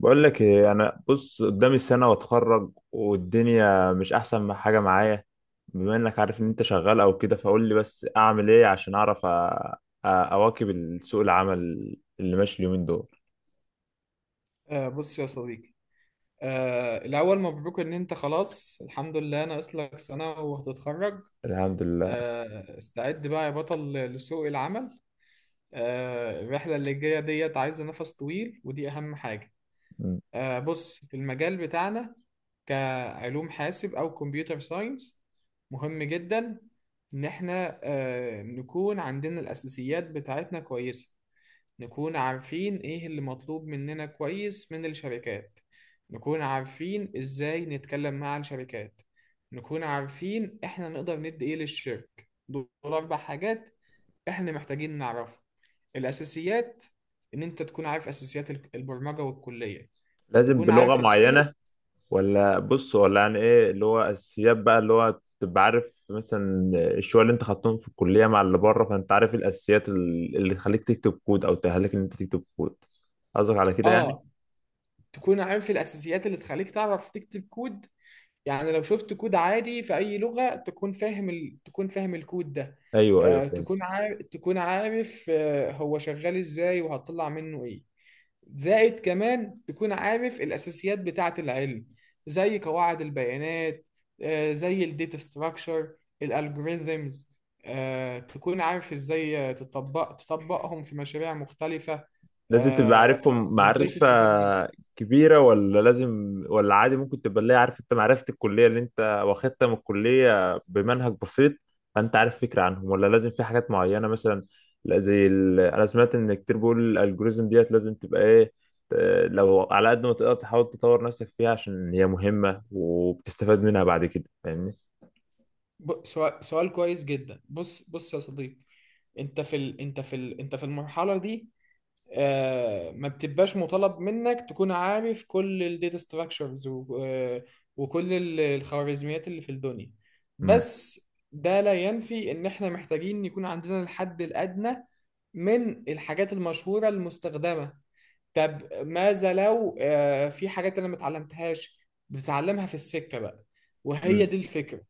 بقول لك ايه؟ انا بص قدامي سنه واتخرج، والدنيا مش احسن ما حاجه معايا. بما انك عارف ان انت شغال او كده، فقول لي بس اعمل ايه عشان اعرف اواكب سوق العمل اللي ماشي اليومين دول. بص يا صديقي. الأول مبروك إن أنت، خلاص الحمد لله، ناقص لك سنة وهتتخرج. الحمد لله. استعد بقى يا بطل لسوق العمل. الرحلة اللي جاية ديت عايزة نفس طويل، ودي أهم حاجة. م. بص، المجال بتاعنا كعلوم حاسب أو كمبيوتر ساينس مهم جدا. إن إحنا نكون عندنا الأساسيات بتاعتنا كويسة، نكون عارفين ايه اللي مطلوب مننا كويس من الشركات، نكون عارفين ازاي نتكلم مع الشركات، نكون عارفين احنا نقدر ندي ايه للشركة. دول اربع حاجات احنا محتاجين نعرفها. الاساسيات، ان انت تكون عارف اساسيات البرمجة والكلية. لازم تكون بلغه عارف السوق. معينه؟ ولا بص، ولا يعني ايه اللي هو اساسيات بقى، اللي هو تبقى عارف مثلا الشويه اللي انت خدتهم في الكليه مع اللي بره، فانت عارف إيه الاساسيات اللي تخليك تكتب كود او تأهلك ان انت تكتب كود؟ قصدك على كده يعني؟ اه، تكون عارف الاساسيات اللي تخليك تعرف تكتب كود. يعني لو شفت كود عادي في أي لغة، تكون فاهم الكود ده. ايوه ايوه، فهمت. تكون عارف هو شغال ازاي وهتطلع منه ايه. زائد كمان تكون عارف الأساسيات بتاعة العلم، زي قواعد البيانات، زي الداتا ستراكشر، الالجوريزمز. تكون عارف ازاي تطبقهم في مشاريع مختلفة، لازم تبقى آه، عارفهم وازاي معرفة تستفاد منهم. كبيرة؟ ولا لازم، ولا عادي ممكن تبقى اللي هي عارف انت معرفة الكلية اللي انت واخدتها من الكلية بمنهج بسيط، فانت عارف فكرة عنهم؟ ولا لازم في حاجات معينة مثلا؟ لا، زي ال... انا سمعت ان كتير بيقول الالجوريزم ديت لازم تبقى ايه، ت- لو على قد ما تقدر تحاول تطور نفسك فيها، عشان هي مهمة وبتستفاد منها بعد كده. فاهمني؟ سؤال كويس جدا. بص بص يا صديقي، انت في المرحله دي. ما بتبقاش مطالب منك تكون عارف كل الداتا ستراكشرز و... آه، وكل الخوارزميات اللي في الدنيا، امم. بس ده لا ينفي ان احنا محتاجين يكون عندنا الحد الادنى من الحاجات المشهوره المستخدمه. طب ماذا لو في حاجات انا ما اتعلمتهاش؟ بتتعلمها في السكه بقى، وهي مم. دي الفكره.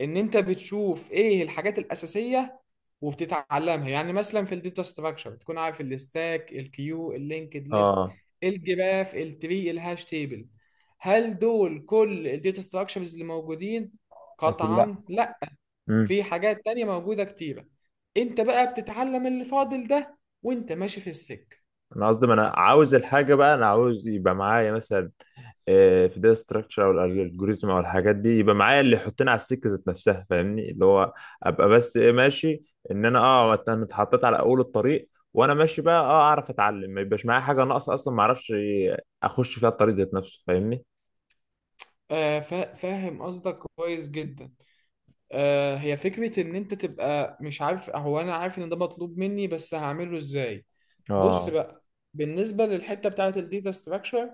ان انت بتشوف ايه الحاجات الاساسيه وبتتعلمها. يعني مثلا في الداتا ستراكشر بتكون عارف الستاك، الكيو، اللينكد ليست، اه. الجراف، التري، الهاش تيبل. هل دول كل الداتا ستراكشرز اللي موجودين؟ لكن. لا، قطعا لا، في حاجات تانية موجوده كتيره. انت بقى بتتعلم اللي فاضل ده وانت ماشي في السك. انا قصدي، ما انا عاوز الحاجه بقى، انا عاوز يبقى معايا مثلا في داتا ستراكشر او الالجوريزم او الحاجات دي، يبقى معايا اللي يحطني على السكه ذات نفسها، فاهمني؟ اللي هو ابقى بس ايه ماشي. ان انا اه انا اتحطيت على اول الطريق، وانا ماشي بقى اه اعرف اتعلم، ما يبقاش معايا حاجه ناقصه اصلا ما اعرفش اخش فيها الطريق ذات نفسه، فاهمني؟ فاهم قصدك كويس جدا. هي فكرة إن أنت تبقى مش عارف، هو أنا عارف إن ده مطلوب مني بس هعمله إزاي. بص اه. بقى، بالنسبة للحتة بتاعة الداتا ستراكشر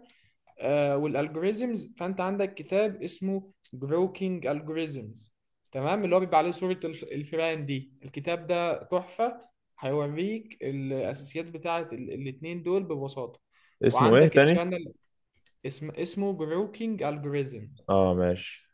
والالجوريزمز، فأنت عندك كتاب اسمه جروكينج الجوريزمز، تمام؟ اللي هو بيبقى عليه صورة الفئران دي. الكتاب ده تحفة، هيوريك الأساسيات بتاعة الاتنين دول ببساطة. اسمه ايه وعندك تاني؟ تشانل، اسمه جروكينج الجوريزم. اه ماشي.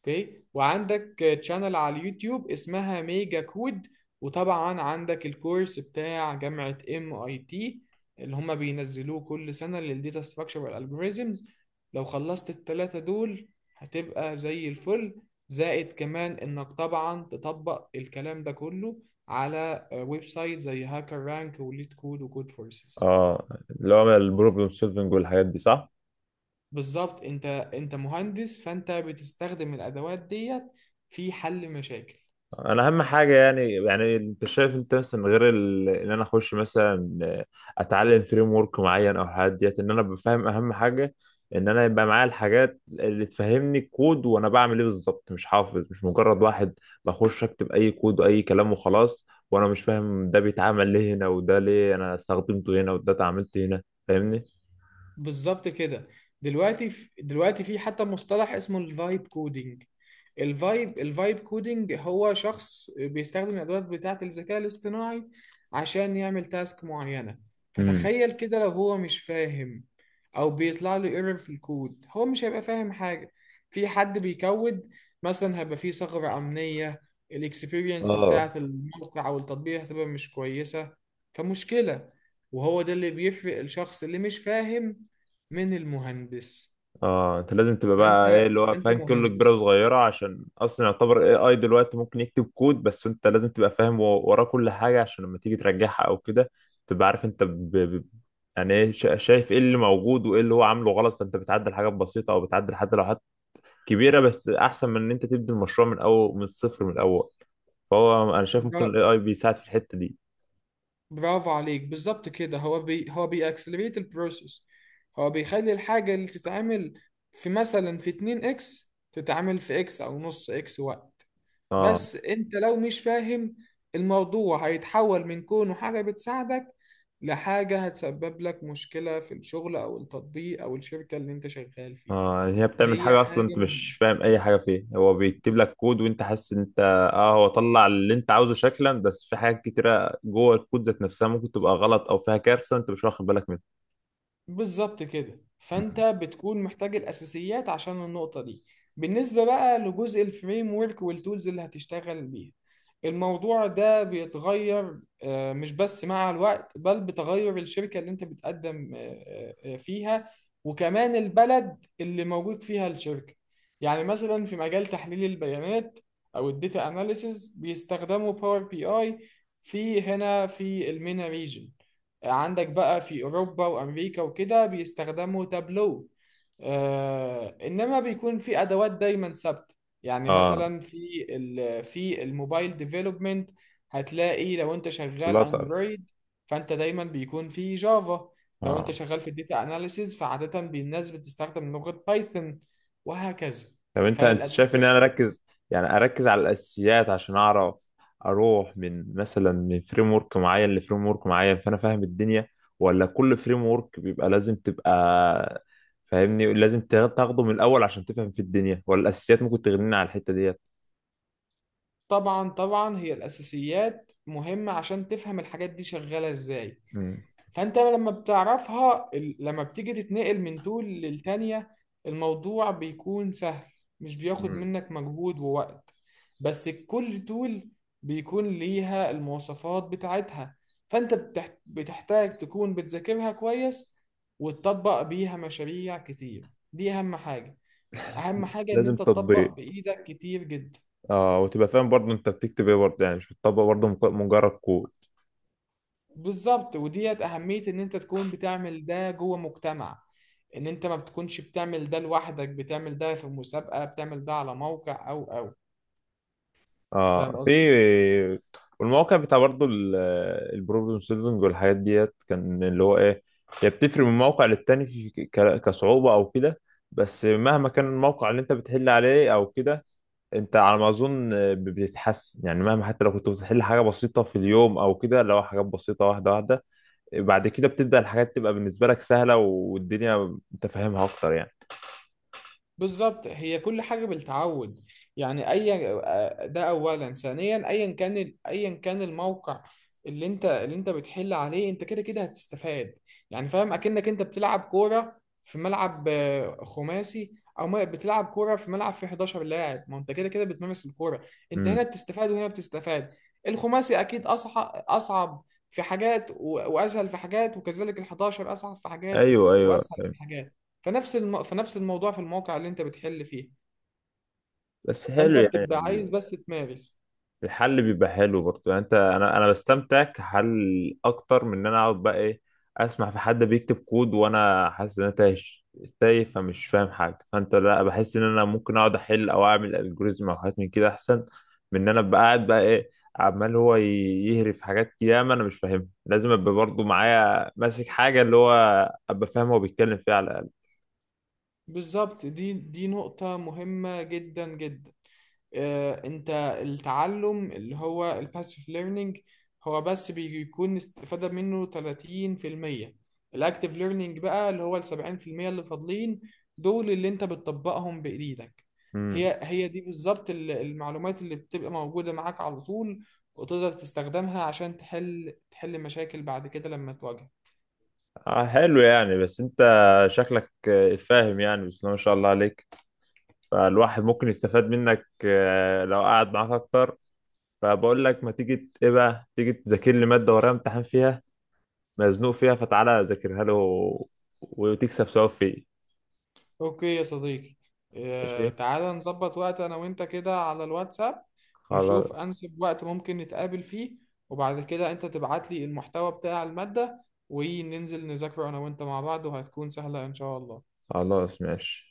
اوكي، وعندك تشانل على اليوتيوب اسمها ميجا كود. وطبعا عندك الكورس بتاع جامعة ام اي تي، اللي هم بينزلوه كل سنة للديتا ستراكشر والالجوريزمز. لو خلصت التلاتة دول هتبقى زي الفل. زائد كمان انك طبعا تطبق الكلام ده كله على ويب سايت زي هاكر رانك وليد كود وكود فورسز. اه، اللي هو البروبلم سولفنج والحاجات دي، صح؟ بالظبط. انت مهندس، فانت بتستخدم الادوات ديت في حل مشاكل. انا اهم حاجه يعني انت شايف انت مثلا غير ان انا اخش مثلا اتعلم فريم ورك معين او حاجات ديت، ان انا بفهم. اهم حاجه ان انا يبقى معايا الحاجات اللي تفهمني الكود، وانا بعمل ايه بالظبط، مش حافظ، مش مجرد واحد بخش اكتب اي كود واي كلام وخلاص، وانا مش فاهم ده بيتعمل ليه هنا، وده ليه انا استخدمته هنا، وده اتعاملت هنا. فاهمني؟ بالظبط كده. دلوقتي في حتى مصطلح اسمه الفايب كودينج. الفايب كودينج هو شخص بيستخدم الادوات بتاعه الذكاء الاصطناعي عشان يعمل تاسك معينه. امم. فتخيل كده لو هو مش فاهم، او بيطلع له ايرور في الكود، هو مش هيبقى فاهم حاجه. في حد بيكود مثلا، هيبقى فيه ثغره امنيه، الاكسبيرينس اه. بتاعه الموقع او التطبيق هتبقى مش كويسه، فمشكله. وهو ده اللي بيفرق الشخص اللي مش فاهم من المهندس. اه، انت لازم تبقى بقى ايه انت اللي هو انت فاهم كله، كبيره مهندس. وصغيره، عشان اصلا يعتبر اي اي دلوقتي ممكن يكتب كود، بس انت لازم تبقى فاهم وراه كل حاجه، عشان لما تيجي ترجعها او كده تبقى عارف انت يعني ايه. شايف ايه اللي موجود وايه اللي هو عامله غلط، فانت بتعدل حاجات بسيطه او بتعدل حتى لو حاجات كبيره، بس احسن من ان انت تبدي المشروع من اول، من الصفر، من الاول. فهو انا شايف ممكن الاي برا... اي بيساعد في الحته دي. برافو عليك، بالظبط كده. هو بيأكسلريت البروسيس، هو بيخلي الحاجة اللي تتعمل في، مثلا، في 2 اكس تتعمل في اكس او نص اكس وقت. اه. بس انت لو مش فاهم، الموضوع هيتحول من كونه حاجة بتساعدك لحاجة هتسبب لك مشكلة في الشغل او التطبيق او الشركة اللي انت شغال فيها. اه يعني هي بتعمل هي حاجة اصلا حاجة انت مش مهمة. فاهم اي حاجة فيها، هو بيكتب لك كود وانت حاسس ان انت. اه، هو طلع اللي انت عاوزه شكلا، بس في حاجات كتيرة جوه الكود ذات نفسها ممكن تبقى غلط او فيها كارثة انت مش واخد بالك منها. بالظبط كده، فانت مم. بتكون محتاج الاساسيات عشان النقطه دي. بالنسبه بقى لجزء الفريم ورك والتولز اللي هتشتغل بيها، الموضوع ده بيتغير، مش بس مع الوقت، بل بتغير الشركه اللي انت بتقدم فيها، وكمان البلد اللي موجود فيها الشركه. يعني مثلا في مجال تحليل البيانات او الداتا اناليسز بيستخدموا باور بي اي في هنا في المينا ريجن. عندك بقى في أوروبا وأمريكا وكده بيستخدموا تابلو. إنما بيكون في أدوات دايما ثابتة. يعني اه. مثلا في الموبايل ديفلوبمنت هتلاقي لو أنت شغال فلاتر. أندرويد، فأنت دايما بيكون في جافا. لو أنت اه. شغال في الداتا أناليسيز فعادة الناس بتستخدم لغة بايثون، وهكذا. طب انت، انت شايف ان فالأساسيات، انا اركز يعني اركز على الاساسيات، عشان اعرف اروح من مثلا من فريم ورك معين لفريم ورك معين، فانا فاهم الدنيا؟ ولا كل فريم ورك بيبقى لازم تبقى، فاهمني؟ لازم تاخده من الاول عشان تفهم في الدنيا، ولا الاساسيات ممكن تغنينا على الحتة ديت؟ طبعا طبعا، هي الأساسيات مهمة عشان تفهم الحاجات دي شغالة إزاي. مم. فانت لما بتعرفها، لما بتيجي تتنقل من دول للتانية، الموضوع بيكون سهل، مش بياخد مم. منك مجهود ووقت. بس كل تول بيكون ليها المواصفات بتاعتها، فانت بتحتاج تكون بتذاكرها كويس وتطبق بيها مشاريع كتير. دي اهم حاجة. اهم حاجة ان لازم انت تطبق تطبيق. بايدك كتير جدا. اه، وتبقى فاهم برضه انت بتكتب ايه برضه، يعني مش بتطبق برضه مجرد كود. بالظبط، وديت أهمية إن أنت تكون بتعمل ده جوه مجتمع. إن أنت ما بتكونش بتعمل ده لوحدك، بتعمل ده في مسابقة، بتعمل ده على موقع أو. فاهم اه. في. قصدي؟ والمواقع بتاع برضه البروبلم سولفنج والحاجات ديت، كان اللي هو ايه، هي بتفرق من موقع للتاني في كصعوبة او كده، بس مهما كان الموقع اللي انت بتحل عليه او كده، انت على ما اظن بتتحسن يعني. مهما، حتى لو كنت بتحل حاجة بسيطة في اليوم او كده، اللي هو حاجات بسيطة، واحدة واحدة، بعد كده بتبدأ الحاجات تبقى بالنسبة لك سهلة، والدنيا انت فاهمها اكتر يعني. بالظبط، هي كل حاجة بالتعود. يعني أي ده، أولا ثانيا أيا كان أيا كان الموقع اللي أنت بتحل عليه، أنت كده كده هتستفاد. يعني فاهم أكنك أنت بتلعب كورة في ملعب خماسي، أو ما- بتلعب كورة في ملعب فيه 11 لاعب. ما أنت كده كده بتمارس الكورة، أنت هنا امم. بتستفاد وهنا بتستفاد. الخماسي أكيد أصعب. أصعب في حاجات وأسهل في حاجات، وكذلك ال 11 أصعب في حاجات ايوه ايوه، وأسهل فاهم. في حاجات. فنفس الموضوع في الموقع اللي انت بتحل فيه، بس حلو فانت بتبقى يعني، عايز بس تمارس. الحل بيبقى حلو برضو يعني. انت انا بستمتع كحل اكتر من ان انا اقعد بقى ايه، اسمع في حد بيكتب كود وانا حاسس ان انا تايه، تايه، فمش فاهم حاجه. فانت لا، بحس ان انا ممكن اقعد احل او اعمل الجوريزم او حاجات من كده احسن من ان انا ابقى قاعد بقى ايه، عمال هو يهري في حاجات ياما انا مش فاهمها. لازم ابقى برضو معايا ماسك حاجه، اللي هو ابقى فاهم هو بيتكلم فيها على الاقل. بالظبط، دي نقطة مهمة جدا جدا. انت، التعلم اللي هو الباسيف ليرنينج هو بس بيكون استفادة منه 30%. الاكتيف ليرنينج بقى اللي هو ال 70% اللي فاضلين، دول اللي انت بتطبقهم بايديك. امم. هي دي بالظبط المعلومات اللي بتبقى موجودة معاك على طول، وتقدر تستخدمها عشان تحل مشاكل بعد كده لما تواجهك. آه حلو يعني. بس انت شكلك فاهم يعني، بس ما شاء الله عليك. فالواحد ممكن يستفاد منك لو قعد معاك اكتر. فبقول لك ما تيجي ايه بقى، تيجي تذاكر لي ماده ورايا امتحان فيها، مزنوق فيها، فتعالى ذاكرها له وتكسب ثواب فيه. اوكي يا صديقي، ماشي. تعالى نظبط وقت انا وانت كده على الواتساب، خلاص. نشوف انسب وقت ممكن نتقابل فيه، وبعد كده انت تبعت لي المحتوى بتاع المادة وننزل نذاكره انا وانت مع بعض، وهتكون سهلة ان شاء الله. خلاص ماشي.